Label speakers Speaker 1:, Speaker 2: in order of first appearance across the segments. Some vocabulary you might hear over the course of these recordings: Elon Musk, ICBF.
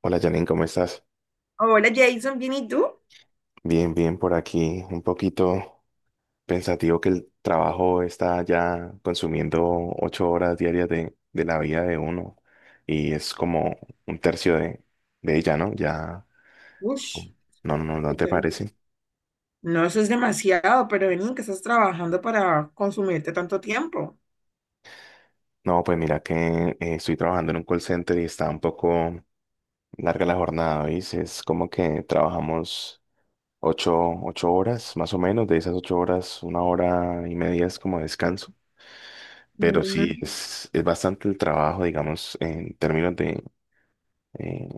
Speaker 1: Hola Janine, ¿cómo estás?
Speaker 2: Hola Jason, ¿bien y tú?
Speaker 1: Bien, bien por aquí. Un poquito pensativo que el trabajo está ya consumiendo 8 horas diarias de la vida de uno y es como un tercio de ella, ¿no? Ya,
Speaker 2: Ush,
Speaker 1: no, no, ¿no te
Speaker 2: del-
Speaker 1: parece?
Speaker 2: no, eso es demasiado, pero vení, que estás trabajando para consumirte tanto tiempo.
Speaker 1: No, pues mira que estoy trabajando en un call center y está un poco larga la jornada, ¿veis? Es como que trabajamos ocho, ocho horas más o menos. De esas 8 horas, una hora y media es como descanso. Pero sí,
Speaker 2: Mm.
Speaker 1: es bastante el trabajo, digamos, en términos de eh,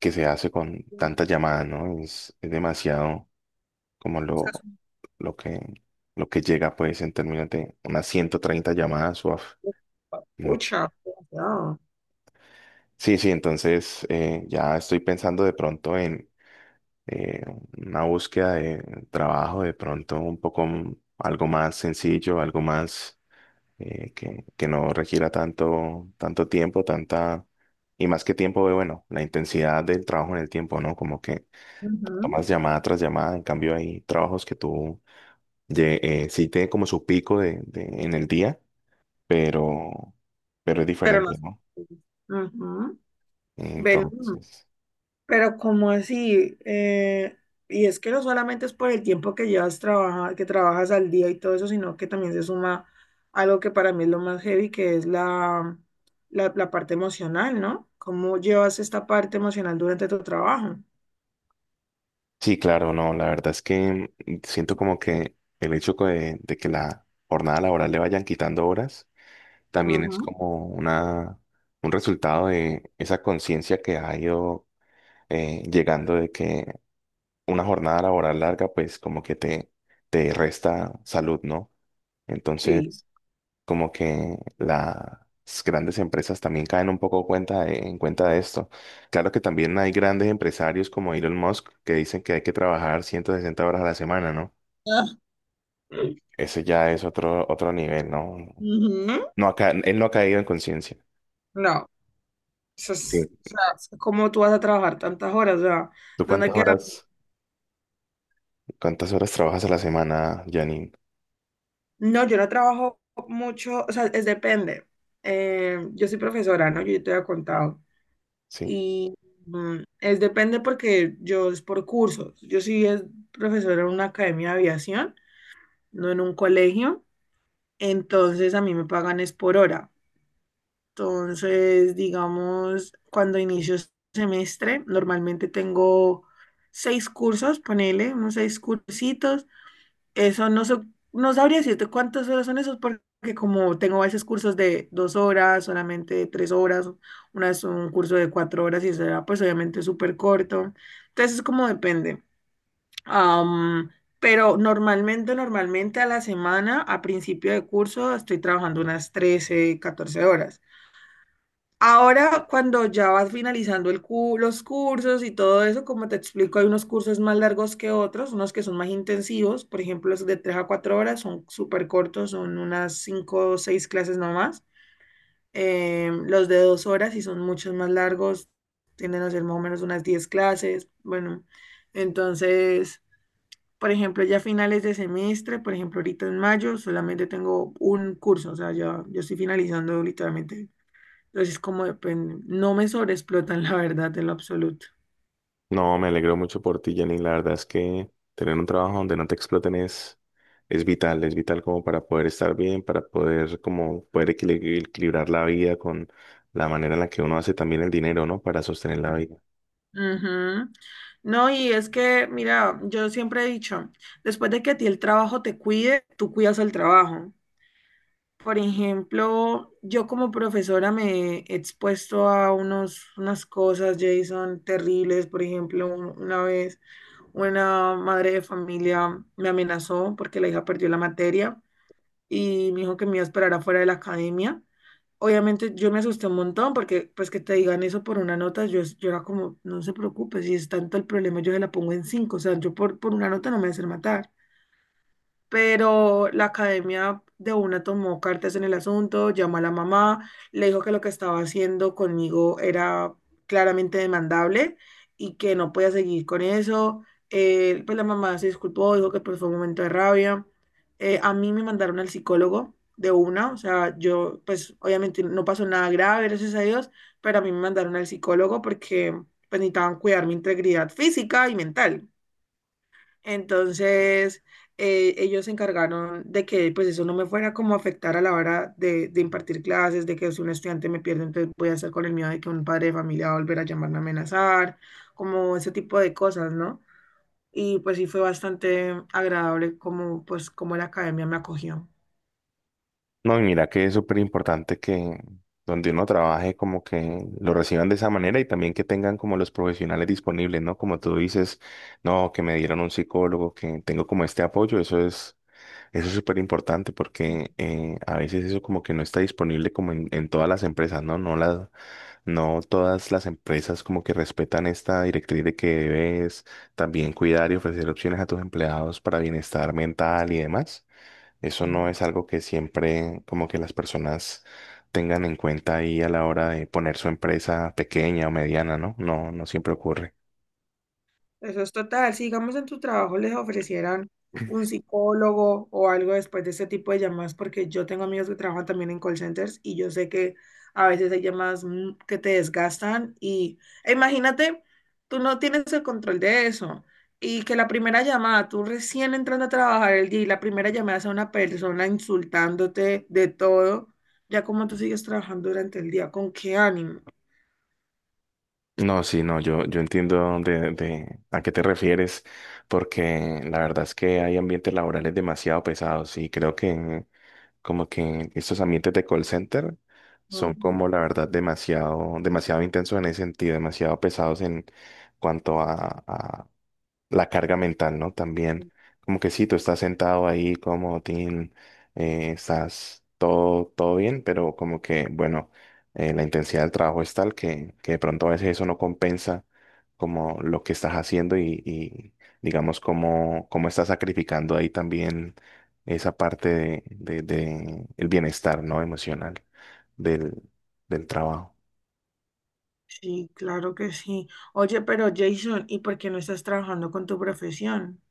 Speaker 1: que se hace con tantas llamadas, ¿no? Es demasiado como
Speaker 2: Eso es un-
Speaker 1: lo que, lo que llega, pues, en términos de unas 130 llamadas, uaf,
Speaker 2: poco
Speaker 1: mucho.
Speaker 2: pucha, demasiado.
Speaker 1: Sí, sí, entonces ya estoy pensando de pronto en eh, una búsqueda de trabajo, de pronto un poco algo más sencillo, algo más que no requiera tanto, tanto tiempo, tanta, y más que tiempo, bueno, la intensidad del trabajo en el tiempo, ¿no? Como que
Speaker 2: Ujú.
Speaker 1: tomas llamada tras llamada, en cambio hay trabajos que tú sí tiene como su pico en el día, pero, pero es
Speaker 2: Pero no.
Speaker 1: diferente, ¿no?
Speaker 2: Ujú. Vení.
Speaker 1: Entonces,
Speaker 2: Pero ¿cómo así? Y es que no solamente es por el tiempo que que trabajas al día y todo eso, sino que también se suma algo que para mí es lo más heavy, que es la parte emocional, ¿no? ¿Cómo llevas esta parte emocional durante tu trabajo?
Speaker 1: sí, claro, no, la verdad es que siento como que el hecho de que la jornada laboral le vayan quitando horas, también es
Speaker 2: Ujú.
Speaker 1: como un resultado de esa conciencia que ha ido llegando de que una jornada laboral larga, pues como que te resta salud, ¿no?
Speaker 2: Sí.
Speaker 1: Entonces, como que las grandes empresas también caen un poco cuenta en cuenta de esto. Claro que también hay grandes empresarios como Elon Musk que dicen que hay que trabajar 160 horas a la semana, ¿no?
Speaker 2: Ah.
Speaker 1: Ese ya es otro nivel, ¿no?
Speaker 2: Ujú.
Speaker 1: Él no ha caído en conciencia.
Speaker 2: No, eso
Speaker 1: Sí.
Speaker 2: es... O sea, es ¿cómo tú vas a trabajar tantas horas? O sea,
Speaker 1: ¿Tú
Speaker 2: ¿dónde
Speaker 1: cuántas
Speaker 2: queda?
Speaker 1: horas? ¿Cuántas horas trabajas a la semana, Janine?
Speaker 2: No, yo no trabajo mucho, o sea, es depende. Yo soy profesora, ¿no? Yo te había contado.
Speaker 1: Sí.
Speaker 2: Y mm, es depende porque yo es por cursos. Yo sí es profesora en una academia de aviación, no en un colegio. Entonces a mí me pagan es por hora. Entonces, digamos, cuando inicio semestre, normalmente tengo seis cursos, ponele unos seis cursitos, eso no, no sabría decirte cuántas horas son esos, porque como tengo a veces cursos de 2 horas, solamente de 3 horas, una vez un curso de 4 horas y eso era pues obviamente súper corto. Entonces es como depende. Am, pero normalmente a la semana, a principio de curso, estoy trabajando unas 13, 14 horas. Ahora, cuando ya vas finalizando los cursos y todo eso, como te explico, hay unos cursos más largos que otros, unos que son más intensivos, por ejemplo, los de 3 a 4 horas son súper cortos, son unas 5 o 6 clases nomás. Los de 2 horas y son muchos más largos, tienden a ser más o menos unas 10 clases. Bueno, entonces, por ejemplo, ya finales de semestre, por ejemplo, ahorita en mayo solamente tengo un curso, o sea, ya yo estoy finalizando literalmente. Entonces, como depende, no me sobreexplotan, la verdad, en lo absoluto.
Speaker 1: No, me alegro mucho por ti, Janine. La verdad es que tener un trabajo donde no te exploten es vital, es vital como para poder estar bien, para poder como poder equilibrar la vida con la manera en la que uno hace también el dinero, ¿no? Para sostener la vida.
Speaker 2: Ujú. No, y es que, mira, yo siempre he dicho, después de que a ti el trabajo te cuide, tú cuidas al trabajo. Por ejemplo, yo como profesora me he expuesto a unos, unas cosas, Jason, terribles. Por ejemplo, una vez una madre de familia me amenazó porque la hija perdió la materia y me dijo que me iba a esperar afuera de la academia. Obviamente yo me asusté un montón porque pues que te digan eso por una nota, yo era como, no se preocupe, si es tanto el problema, yo se la pongo en cinco, o sea, yo por una nota no me voy a hacer matar, pero la academia de una tomó cartas en el asunto, llamó a la mamá, le dijo que lo que estaba haciendo conmigo era claramente demandable y que no podía seguir con eso. Pues la mamá se disculpó, dijo que pues, fue un momento de rabia. A mí me mandaron al psicólogo de una, o sea, yo pues obviamente no pasó nada grave, gracias a Dios, pero a mí me mandaron al psicólogo porque pues necesitaban cuidar mi integridad física y mental. Entonces, ellos se encargaron de que pues eso no me fuera como a afectar a la hora de impartir clases, de que si un estudiante me pierde, entonces voy a estar con el miedo de que un padre de familia va a volver a llamarme a amenazar, como ese tipo de cosas, ¿no? Y pues sí fue bastante agradable como pues como la academia me acogió.
Speaker 1: No, y mira que es súper importante que donde uno trabaje como que lo reciban de esa manera y también que tengan como los profesionales disponibles, ¿no? Como tú dices, no, que me dieron un psicólogo, que tengo como este apoyo, eso es súper importante porque a veces eso como que no está disponible como en todas las empresas, ¿no? No todas las empresas como que respetan esta directriz de que debes también cuidar y ofrecer opciones a tus empleados para bienestar mental y demás. Eso no es algo que siempre como que las personas tengan en cuenta ahí a la hora de poner su empresa pequeña o mediana, ¿no? No, no siempre ocurre.
Speaker 2: Eso es total. Si digamos en tu trabajo les ofrecieran un psicólogo o algo después de ese tipo de llamadas, porque yo tengo amigos que trabajan también en call centers y yo sé que a veces hay llamadas que te desgastan y e imagínate, tú no tienes el control de eso y que la primera llamada, tú recién entrando a trabajar el día y la primera llamada sea una persona insultándote de todo, ya como tú sigues trabajando durante el día, ¿con qué ánimo?
Speaker 1: No, sí, no, yo entiendo de a qué te refieres, porque la verdad es que hay ambientes laborales demasiado pesados y creo que como que estos ambientes de call center son
Speaker 2: Ujú.
Speaker 1: como la verdad demasiado, demasiado intensos en ese sentido, demasiado pesados en cuanto a la carga mental, ¿no? También, como que sí, tú estás sentado ahí como Tim, estás todo, todo bien, pero como que, bueno, la intensidad del trabajo es tal que de pronto a veces eso no compensa como lo que estás haciendo, y digamos, como estás sacrificando ahí también esa parte de el bienestar, ¿no? Emocional del, del trabajo.
Speaker 2: Sí, claro que sí. Oye, pero Jason, ¿y por qué no estás trabajando con tu profesión?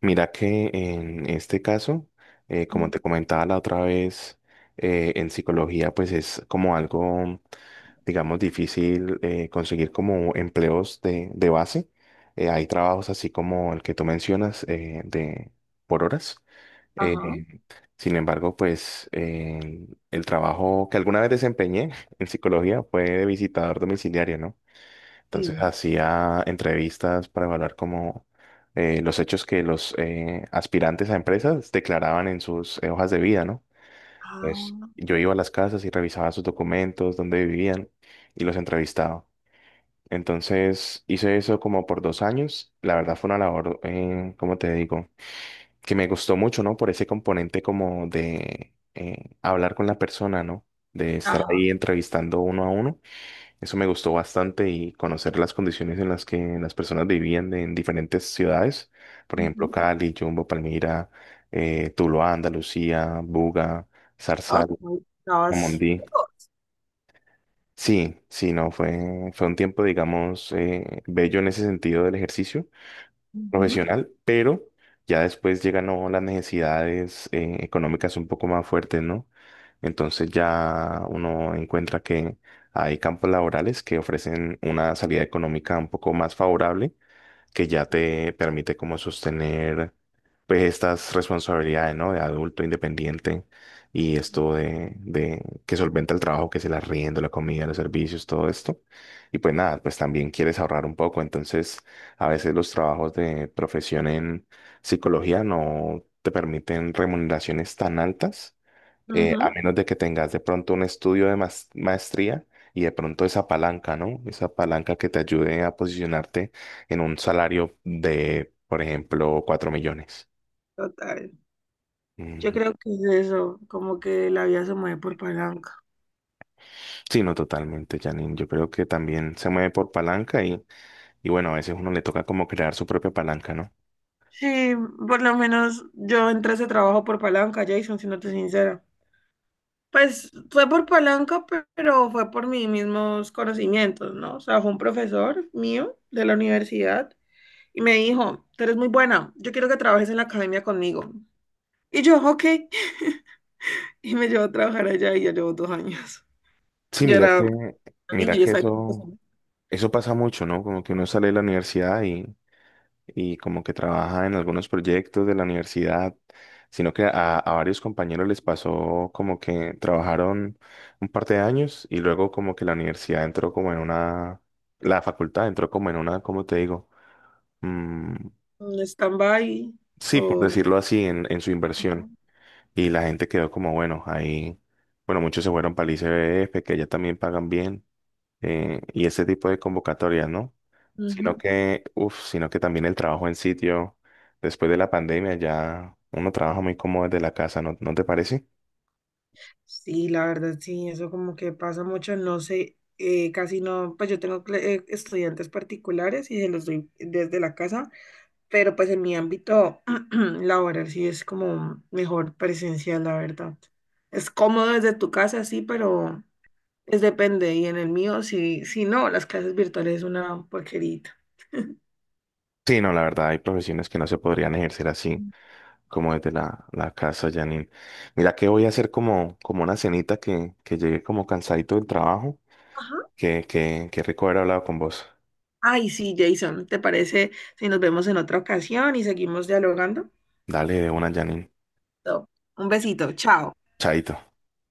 Speaker 1: Mira que en este caso, como
Speaker 2: Mm.
Speaker 1: te comentaba la otra vez, en psicología pues es como algo, digamos, difícil conseguir como empleos de base. Hay trabajos así como el que tú mencionas de por horas.
Speaker 2: Ajá.
Speaker 1: Eh, sin embargo, pues el trabajo que alguna vez desempeñé en psicología fue de visitador domiciliario, ¿no? Entonces
Speaker 2: Sí.
Speaker 1: hacía entrevistas para evaluar cómo los hechos que los aspirantes a empresas declaraban en sus hojas de vida, ¿no? Entonces
Speaker 2: Ah,
Speaker 1: yo iba a las casas y revisaba sus documentos, dónde vivían y los entrevistaba. Entonces hice eso como por 2 años. La verdad fue una labor, como te digo, que me gustó mucho, ¿no? Por ese componente como de hablar con la persona, ¿no? De estar ahí
Speaker 2: ajá.
Speaker 1: entrevistando uno a uno, eso me gustó bastante y conocer las condiciones en las que las personas vivían en diferentes ciudades, por ejemplo,
Speaker 2: Ujú.
Speaker 1: Cali, Jumbo, Palmira, Tuluá, Andalucía, Buga,
Speaker 2: Ah,
Speaker 1: Zarzal,
Speaker 2: ok. Estabas
Speaker 1: Amondí.
Speaker 2: lejos.
Speaker 1: Sí, sí, no, fue un tiempo, digamos, bello en ese sentido del ejercicio
Speaker 2: Ujú.
Speaker 1: profesional, pero ya después llegan, ¿no?, las necesidades económicas un poco más fuertes, ¿no? Entonces ya uno encuentra que hay campos laborales que ofrecen una salida económica un poco más favorable que ya te permite como sostener pues estas responsabilidades, ¿no? De adulto independiente y esto de que solventa el trabajo, que es el arriendo, la comida, los servicios, todo esto. Y pues nada, pues también quieres ahorrar un poco. Entonces, a veces los trabajos de profesión en psicología no te permiten remuneraciones tan altas,
Speaker 2: Ujú,
Speaker 1: a menos de que tengas de pronto un estudio de maestría y de pronto esa palanca, ¿no? Esa palanca que te ayude a posicionarte en un salario de, por ejemplo, 4 millones.
Speaker 2: total. Yo
Speaker 1: Ujú.
Speaker 2: creo que es eso, como que la vida se mueve por palanca.
Speaker 1: Sí, no, totalmente, Janine. Yo creo que también se mueve por palanca, y bueno, a veces uno le toca como crear su propia palanca, ¿no?
Speaker 2: Sí, por lo menos yo entré a ese trabajo por palanca, Jason, siéndote sincera. Pues fue por palanca, pero fue por mis mismos conocimientos, ¿no? O sea, fue un profesor mío de la universidad y me dijo, tú eres muy buena, yo quiero que trabajes en la academia conmigo. Y yo, ok. Y me llevó a trabajar allá y ya llevo 2 años.
Speaker 1: Sí,
Speaker 2: Yo
Speaker 1: mira
Speaker 2: era
Speaker 1: que,
Speaker 2: una
Speaker 1: mira
Speaker 2: niña, yo
Speaker 1: que
Speaker 2: estaba
Speaker 1: eso, eso pasa mucho, ¿no? Como que uno sale de la universidad y como que trabaja en algunos proyectos de la universidad, sino que a varios compañeros les pasó como que trabajaron un par de años y luego como que la universidad entró como en una, la facultad entró como en una, ¿cómo te digo? Mm,
Speaker 2: en stand-by.
Speaker 1: sí, por
Speaker 2: O...
Speaker 1: decirlo así, en su inversión. Y la gente quedó como, bueno, ahí, bueno, muchos se fueron para el ICBF, que allá también pagan bien, y ese tipo de convocatorias, ¿no? Sino
Speaker 2: Ujú.
Speaker 1: que, uff, sino que también el trabajo en sitio, después de la pandemia ya uno trabaja muy cómodo desde la casa, ¿no te parece?
Speaker 2: Sí, la verdad, sí, eso como que pasa mucho, no sé, casi no, pues yo tengo estudiantes particulares y se los doy desde la casa, pero pues en mi ámbito laboral sí es como mejor presencial, la verdad. Es cómodo desde tu casa, sí, pero es depende, y en el mío, si no, las clases virtuales es una porquerita.
Speaker 1: Sí, no, la verdad hay profesiones que no se podrían ejercer así, como desde la casa, Janine. Mira que voy a hacer como una cenita que llegue como cansadito del trabajo,
Speaker 2: Ajá.
Speaker 1: que rico haber hablado con vos.
Speaker 2: Ay, sí, Jason, ¿te parece si nos vemos en otra ocasión y seguimos dialogando?
Speaker 1: Dale de una, Janine.
Speaker 2: No. Un besito, chao.
Speaker 1: Chaito.